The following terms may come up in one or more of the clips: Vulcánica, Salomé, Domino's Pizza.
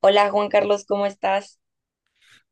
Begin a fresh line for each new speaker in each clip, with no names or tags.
Hola Juan Carlos, ¿cómo estás?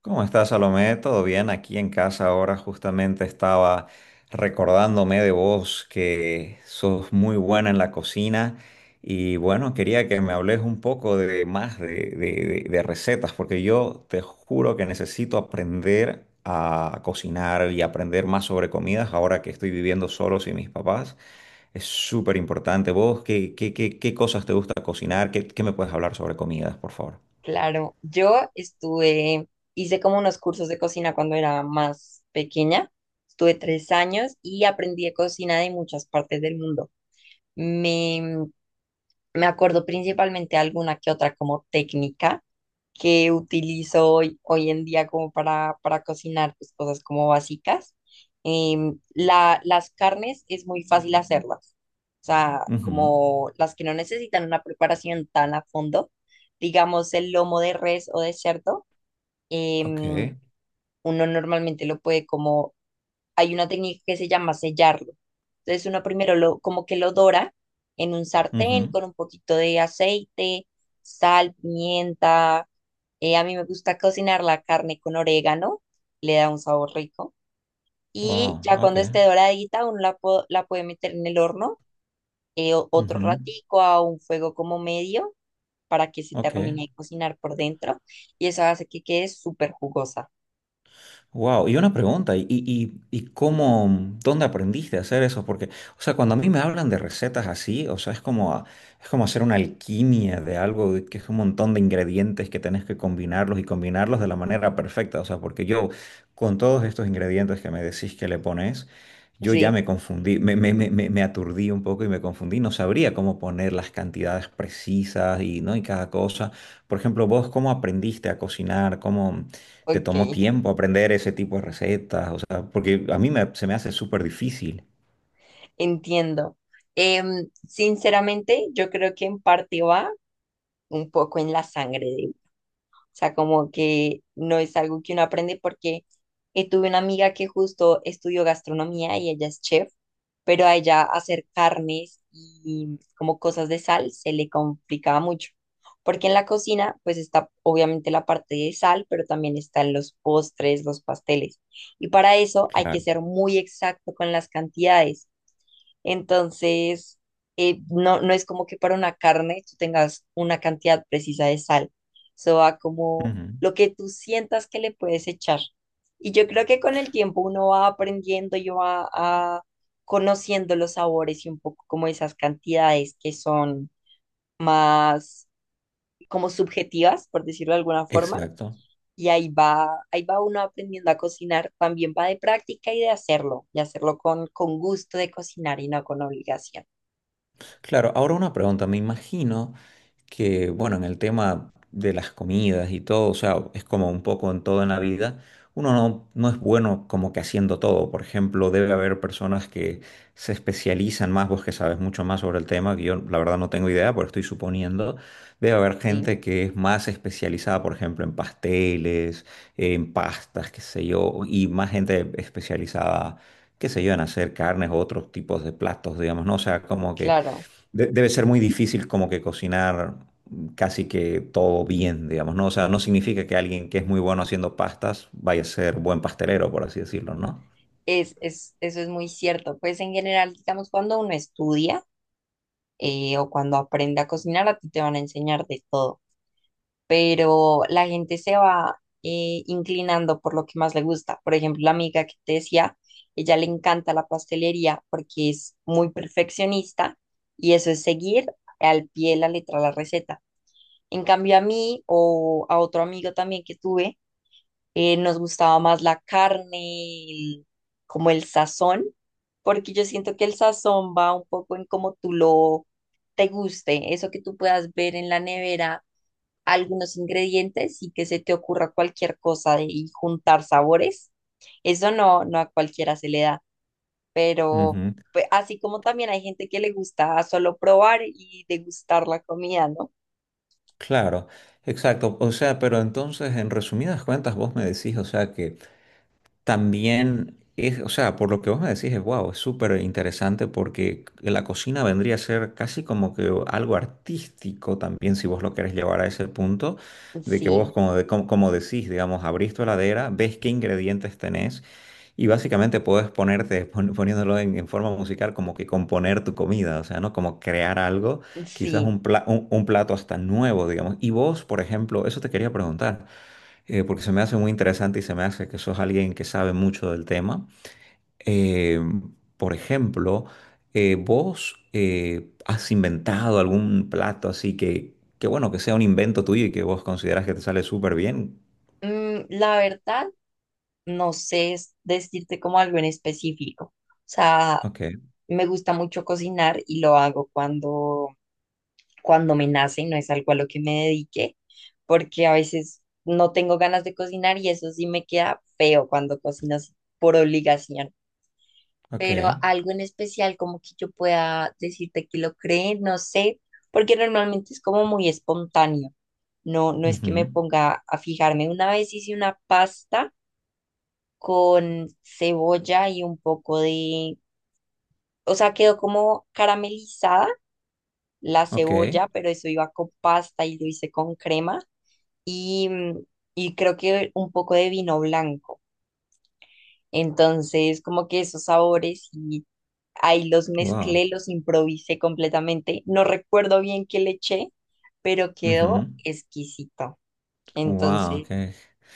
¿Cómo estás, Salomé? ¿Todo bien? Aquí en casa ahora justamente estaba recordándome de vos que sos muy buena en la cocina y bueno, quería que me hables un poco de más de, de recetas porque yo te juro que necesito aprender a cocinar y aprender más sobre comidas ahora que estoy viviendo solo sin mis papás. Es súper importante. ¿Vos qué cosas te gusta cocinar? ¿Qué me puedes hablar sobre comidas, por favor?
Claro, yo estuve, hice como unos cursos de cocina cuando era más pequeña. Estuve tres años y aprendí de cocina de muchas partes del mundo. Me, me acuerdo principalmente alguna que otra como técnica que utilizo hoy en día como para cocinar pues, cosas como básicas. Las carnes es muy fácil hacerlas, o sea,
Ujú.
como las que no necesitan una preparación tan a fondo, digamos el lomo de res o de cerdo,
Ok.
em, uno normalmente lo puede como, hay una técnica que se llama sellarlo. Entonces uno primero lo, como que lo dora en un sartén
Ujú.
con un poquito de aceite, sal, pimienta a mí me gusta cocinar la carne con orégano, le da un sabor rico. Y
Wow,
ya cuando
okay.
esté doradita, uno la, la puede meter en el horno otro
Ujú.
ratico a un fuego como medio para que se
Ok.
termine de cocinar por dentro. Y eso hace que quede súper jugosa.
Wow, y una pregunta, ¿y cómo, ¿dónde aprendiste a hacer eso? Porque, o sea, cuando a mí me hablan de recetas así, o sea, es como, es como hacer una alquimia de algo de que es un montón de ingredientes que tenés que combinarlos y combinarlos de la manera perfecta. O sea, porque yo, con todos estos ingredientes que me decís que le pones, yo ya
Sí,
me confundí, me aturdí un poco y me confundí, no sabría cómo poner las cantidades precisas y, ¿no?, y cada cosa. Por ejemplo, vos, ¿cómo aprendiste a cocinar? ¿Cómo te
ok,
tomó tiempo aprender ese tipo de recetas? O sea, porque a mí se me hace súper difícil.
entiendo. Sinceramente, yo creo que en parte va un poco en la sangre. O sea, como que no es algo que uno aprende porque tuve una amiga que justo estudió gastronomía y ella es chef, pero a ella hacer carnes y como cosas de sal se le complicaba mucho. Porque en la cocina, pues está obviamente la parte de sal, pero también están los postres, los pasteles. Y para eso hay que
Claro.
ser muy exacto con las cantidades. Entonces, no, no es como que para una carne tú tengas una cantidad precisa de sal. Eso va como
Ujú.
lo que tú sientas que le puedes echar. Y yo creo que con el tiempo uno va aprendiendo y conociendo los sabores y un poco como esas cantidades que son más como subjetivas, por decirlo de alguna forma.
Exacto.
Y ahí va uno aprendiendo a cocinar, también va de práctica y de hacerlo, y hacerlo con gusto de cocinar y no con obligación,
Claro, ahora una pregunta, me imagino que, bueno, en el tema de las comidas y todo, o sea, es como un poco en todo en la vida, uno no, no es bueno como que haciendo todo. Por ejemplo, debe haber personas que se especializan más, vos que sabes mucho más sobre el tema, que yo la verdad no tengo idea, pero estoy suponiendo, debe haber
¿sí?
gente que es más especializada, por ejemplo, en pasteles, en pastas, qué sé yo, y más gente especializada, qué sé yo, en hacer carnes o otros tipos de platos, digamos, ¿no? O sea, como que
Claro,
debe ser muy difícil como que cocinar casi que todo bien, digamos, ¿no? O sea, no significa que alguien que es muy bueno haciendo pastas vaya a ser buen pastelero, por así decirlo, ¿no?
eso es muy cierto. Pues en general, digamos, cuando uno estudia o cuando aprende a cocinar, a ti te van a enseñar de todo, pero la gente se va inclinando por lo que más le gusta. Por ejemplo, la amiga que te decía, ella le encanta la pastelería porque es muy perfeccionista y eso es seguir al pie de la letra la receta. En cambio, a mí o a otro amigo también que tuve, nos gustaba más la carne, como el sazón, porque yo siento que el sazón va un poco en cómo tú lo te guste, eso que tú puedas ver en la nevera, algunos ingredientes y que se te ocurra cualquier cosa de, y juntar sabores. Eso no, no a cualquiera se le da, pero
Ujú.
pues, así como también hay gente que le gusta solo probar y degustar la comida, ¿no?
Claro, exacto. O sea, pero entonces, en resumidas cuentas, vos me decís, o sea, que también es, o sea, por lo que vos me decís, es wow, es súper interesante porque la cocina vendría a ser casi como que algo artístico también, si vos lo querés llevar a ese punto, de que
Sí,
vos, como, como, como decís, digamos, abrís tu heladera, ves qué ingredientes tenés y básicamente podés ponerte, poniéndolo en forma musical, como que componer tu comida, o sea, ¿no? Como crear algo, quizás
sí.
un, un plato hasta nuevo, digamos. Y vos, por ejemplo, eso te quería preguntar, porque se me hace muy interesante y se me hace que sos alguien que sabe mucho del tema. Eh, por ejemplo, ¿vos has inventado algún plato así que, bueno, que sea un invento tuyo y que vos consideras que te sale súper bien?
Mm, la verdad, no sé decirte como algo en específico. O sea,
Ok.
me gusta mucho cocinar y lo hago cuando, cuando me nace, no es algo a lo que me dedique, porque a veces no tengo ganas de cocinar y eso sí me queda feo cuando cocino así por obligación.
Ok.
Pero algo en especial como que yo pueda decirte que lo cree, no sé, porque normalmente es como muy espontáneo. No, no es que me
Ujú.
ponga a fijarme. Una vez hice una pasta con cebolla y un poco de, o sea, quedó como caramelizada la
Ok.
cebolla, pero eso iba con pasta y lo hice con crema y, mm, y creo que un poco de vino blanco. Entonces, como que esos sabores y ahí los
Wow.
mezclé, los improvisé completamente. No recuerdo bien qué le eché, pero quedó
Ujú.
exquisito.
Wow,
Entonces,
ok.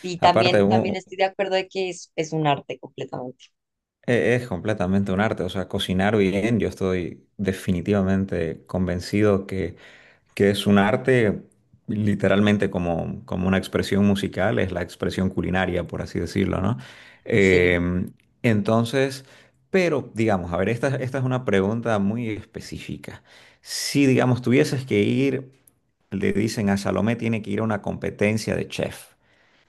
sí,
Aparte,
también estoy de acuerdo de que es un arte completamente.
es completamente un arte, o sea, cocinar bien, yo estoy definitivamente convencido que es un arte, literalmente como, como una expresión musical, es la expresión culinaria, por así decirlo, ¿no?
Sí.
Eh, entonces, pero digamos, a ver, esta es una pregunta muy específica. Si, digamos, tuvieses que ir, le dicen a Salomé, tiene que ir a una competencia de chef.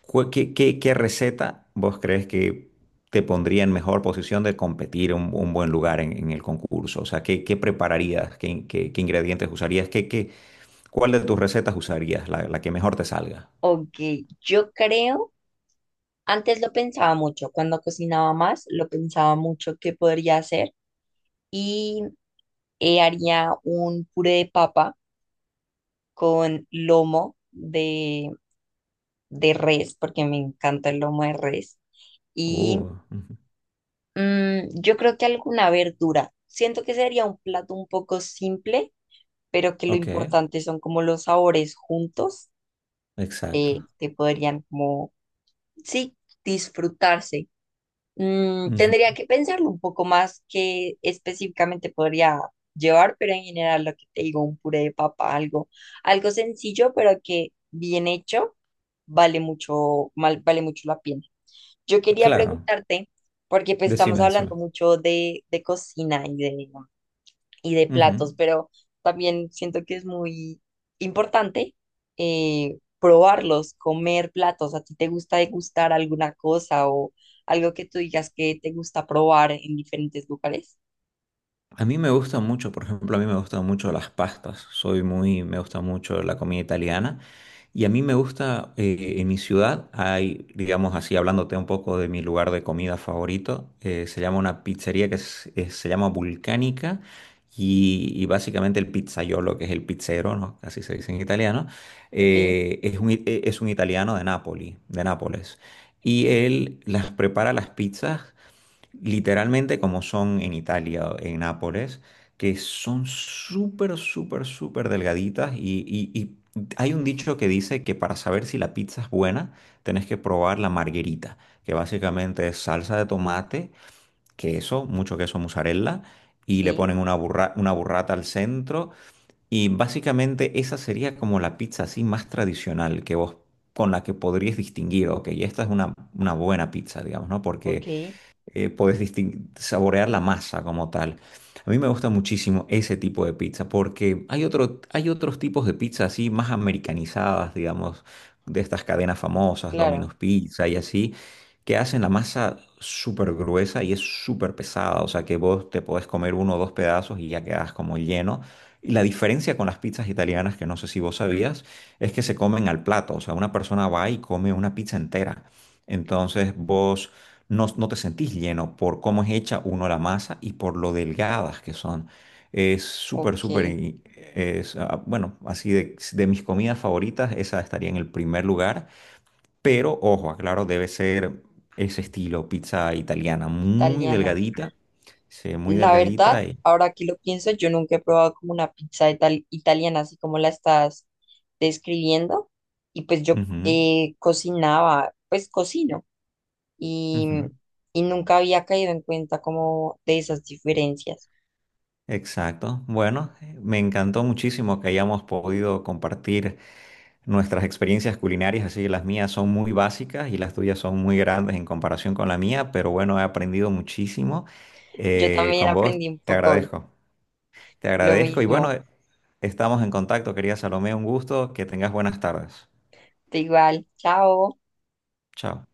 ¿Qué, qué receta vos crees que te pondría en mejor posición de competir un buen lugar en el concurso? O sea, ¿qué, qué prepararías? ¿Qué, qué, qué ingredientes usarías? ¿Qué, qué, cuál de tus recetas usarías? La que mejor te salga.
Ok, yo creo, antes lo pensaba mucho, cuando cocinaba más, lo pensaba mucho que podría hacer y haría un puré de papa con lomo de res, porque me encanta el lomo de res, y
Ujú.
mm, yo creo que alguna verdura. Siento que sería un plato un poco simple, pero que lo
Ok,
importante son como los sabores juntos,
exacto.
que podrían como, sí, disfrutarse. Mm,
Ujú.
tendría que pensarlo un poco más qué específicamente podría llevar, pero en general lo que te digo, un puré de papa, algo, algo sencillo, pero que bien hecho vale mucho, vale mucho la pena. Yo quería
Claro,
preguntarte, porque pues estamos
decime, decime.
hablando mucho de cocina y de
Ujú.
platos, pero también siento que es muy importante probarlos, comer platos. ¿A ti te gusta degustar alguna cosa o algo que tú digas que te gusta probar en diferentes lugares?
A mí me gusta mucho, por ejemplo, a mí me gustan mucho las pastas. Soy muy, me gusta mucho la comida italiana. Y a mí me gusta, en mi ciudad hay, digamos así, hablándote un poco de mi lugar de comida favorito, se llama una pizzería que se llama Vulcánica y básicamente el pizzaiolo, que es el pizzero, ¿no? Así se dice en italiano.
Ok,
Es un, es un italiano de Nápoli, de Nápoles. Y él las prepara las pizzas literalmente como son en Italia, en Nápoles, que son súper, súper, súper delgaditas y hay un dicho que dice que para saber si la pizza es buena, tenés que probar la margherita, que básicamente es salsa de tomate, queso, mucho queso mozzarella, y le
sí,
ponen una una burrata al centro. Y básicamente esa sería como la pizza así más tradicional que vos, con la que podrías distinguir, ok, esta es una buena pizza, digamos, ¿no?
ok,
Porque puedes saborear la masa como tal. A mí me gusta muchísimo ese tipo de pizza porque hay otro, hay otros tipos de pizza así más americanizadas, digamos, de estas cadenas famosas,
claro,
Domino's Pizza y así, que hacen la masa súper gruesa y es súper pesada, o sea que vos te podés comer uno o dos pedazos y ya quedás como lleno. Y la diferencia con las pizzas italianas, que no sé si vos sabías, es que se comen al plato, o sea, una persona va y come una pizza entera. Entonces vos no, no te sentís lleno por cómo es hecha uno la masa y por lo delgadas que son. Es súper, súper,
ok,
es, ah, bueno, así de mis comidas favoritas, esa estaría en el primer lugar, pero ojo, aclaro, debe ser ese estilo, pizza italiana, muy
italiana.
delgadita, sí, muy
La verdad,
delgadita y...
ahora que lo pienso, yo nunca he probado como una pizza italiana, así como la estás describiendo. Y pues yo
Ujú.
cocinaba, pues cocino, y,
Ujú.
y nunca había caído en cuenta como de esas diferencias.
Exacto. Bueno, me encantó muchísimo que hayamos podido compartir nuestras experiencias culinarias, así las mías son muy básicas y las tuyas son muy grandes en comparación con la mía, pero bueno, he aprendido muchísimo,
Yo también
con vos.
aprendí un
Te
poco hoy.
agradezco. Te
Lo
agradezco y bueno,
mismo,
estamos en contacto, querida Salomé, un gusto, que tengas buenas tardes.
de igual. Chao.
Chao.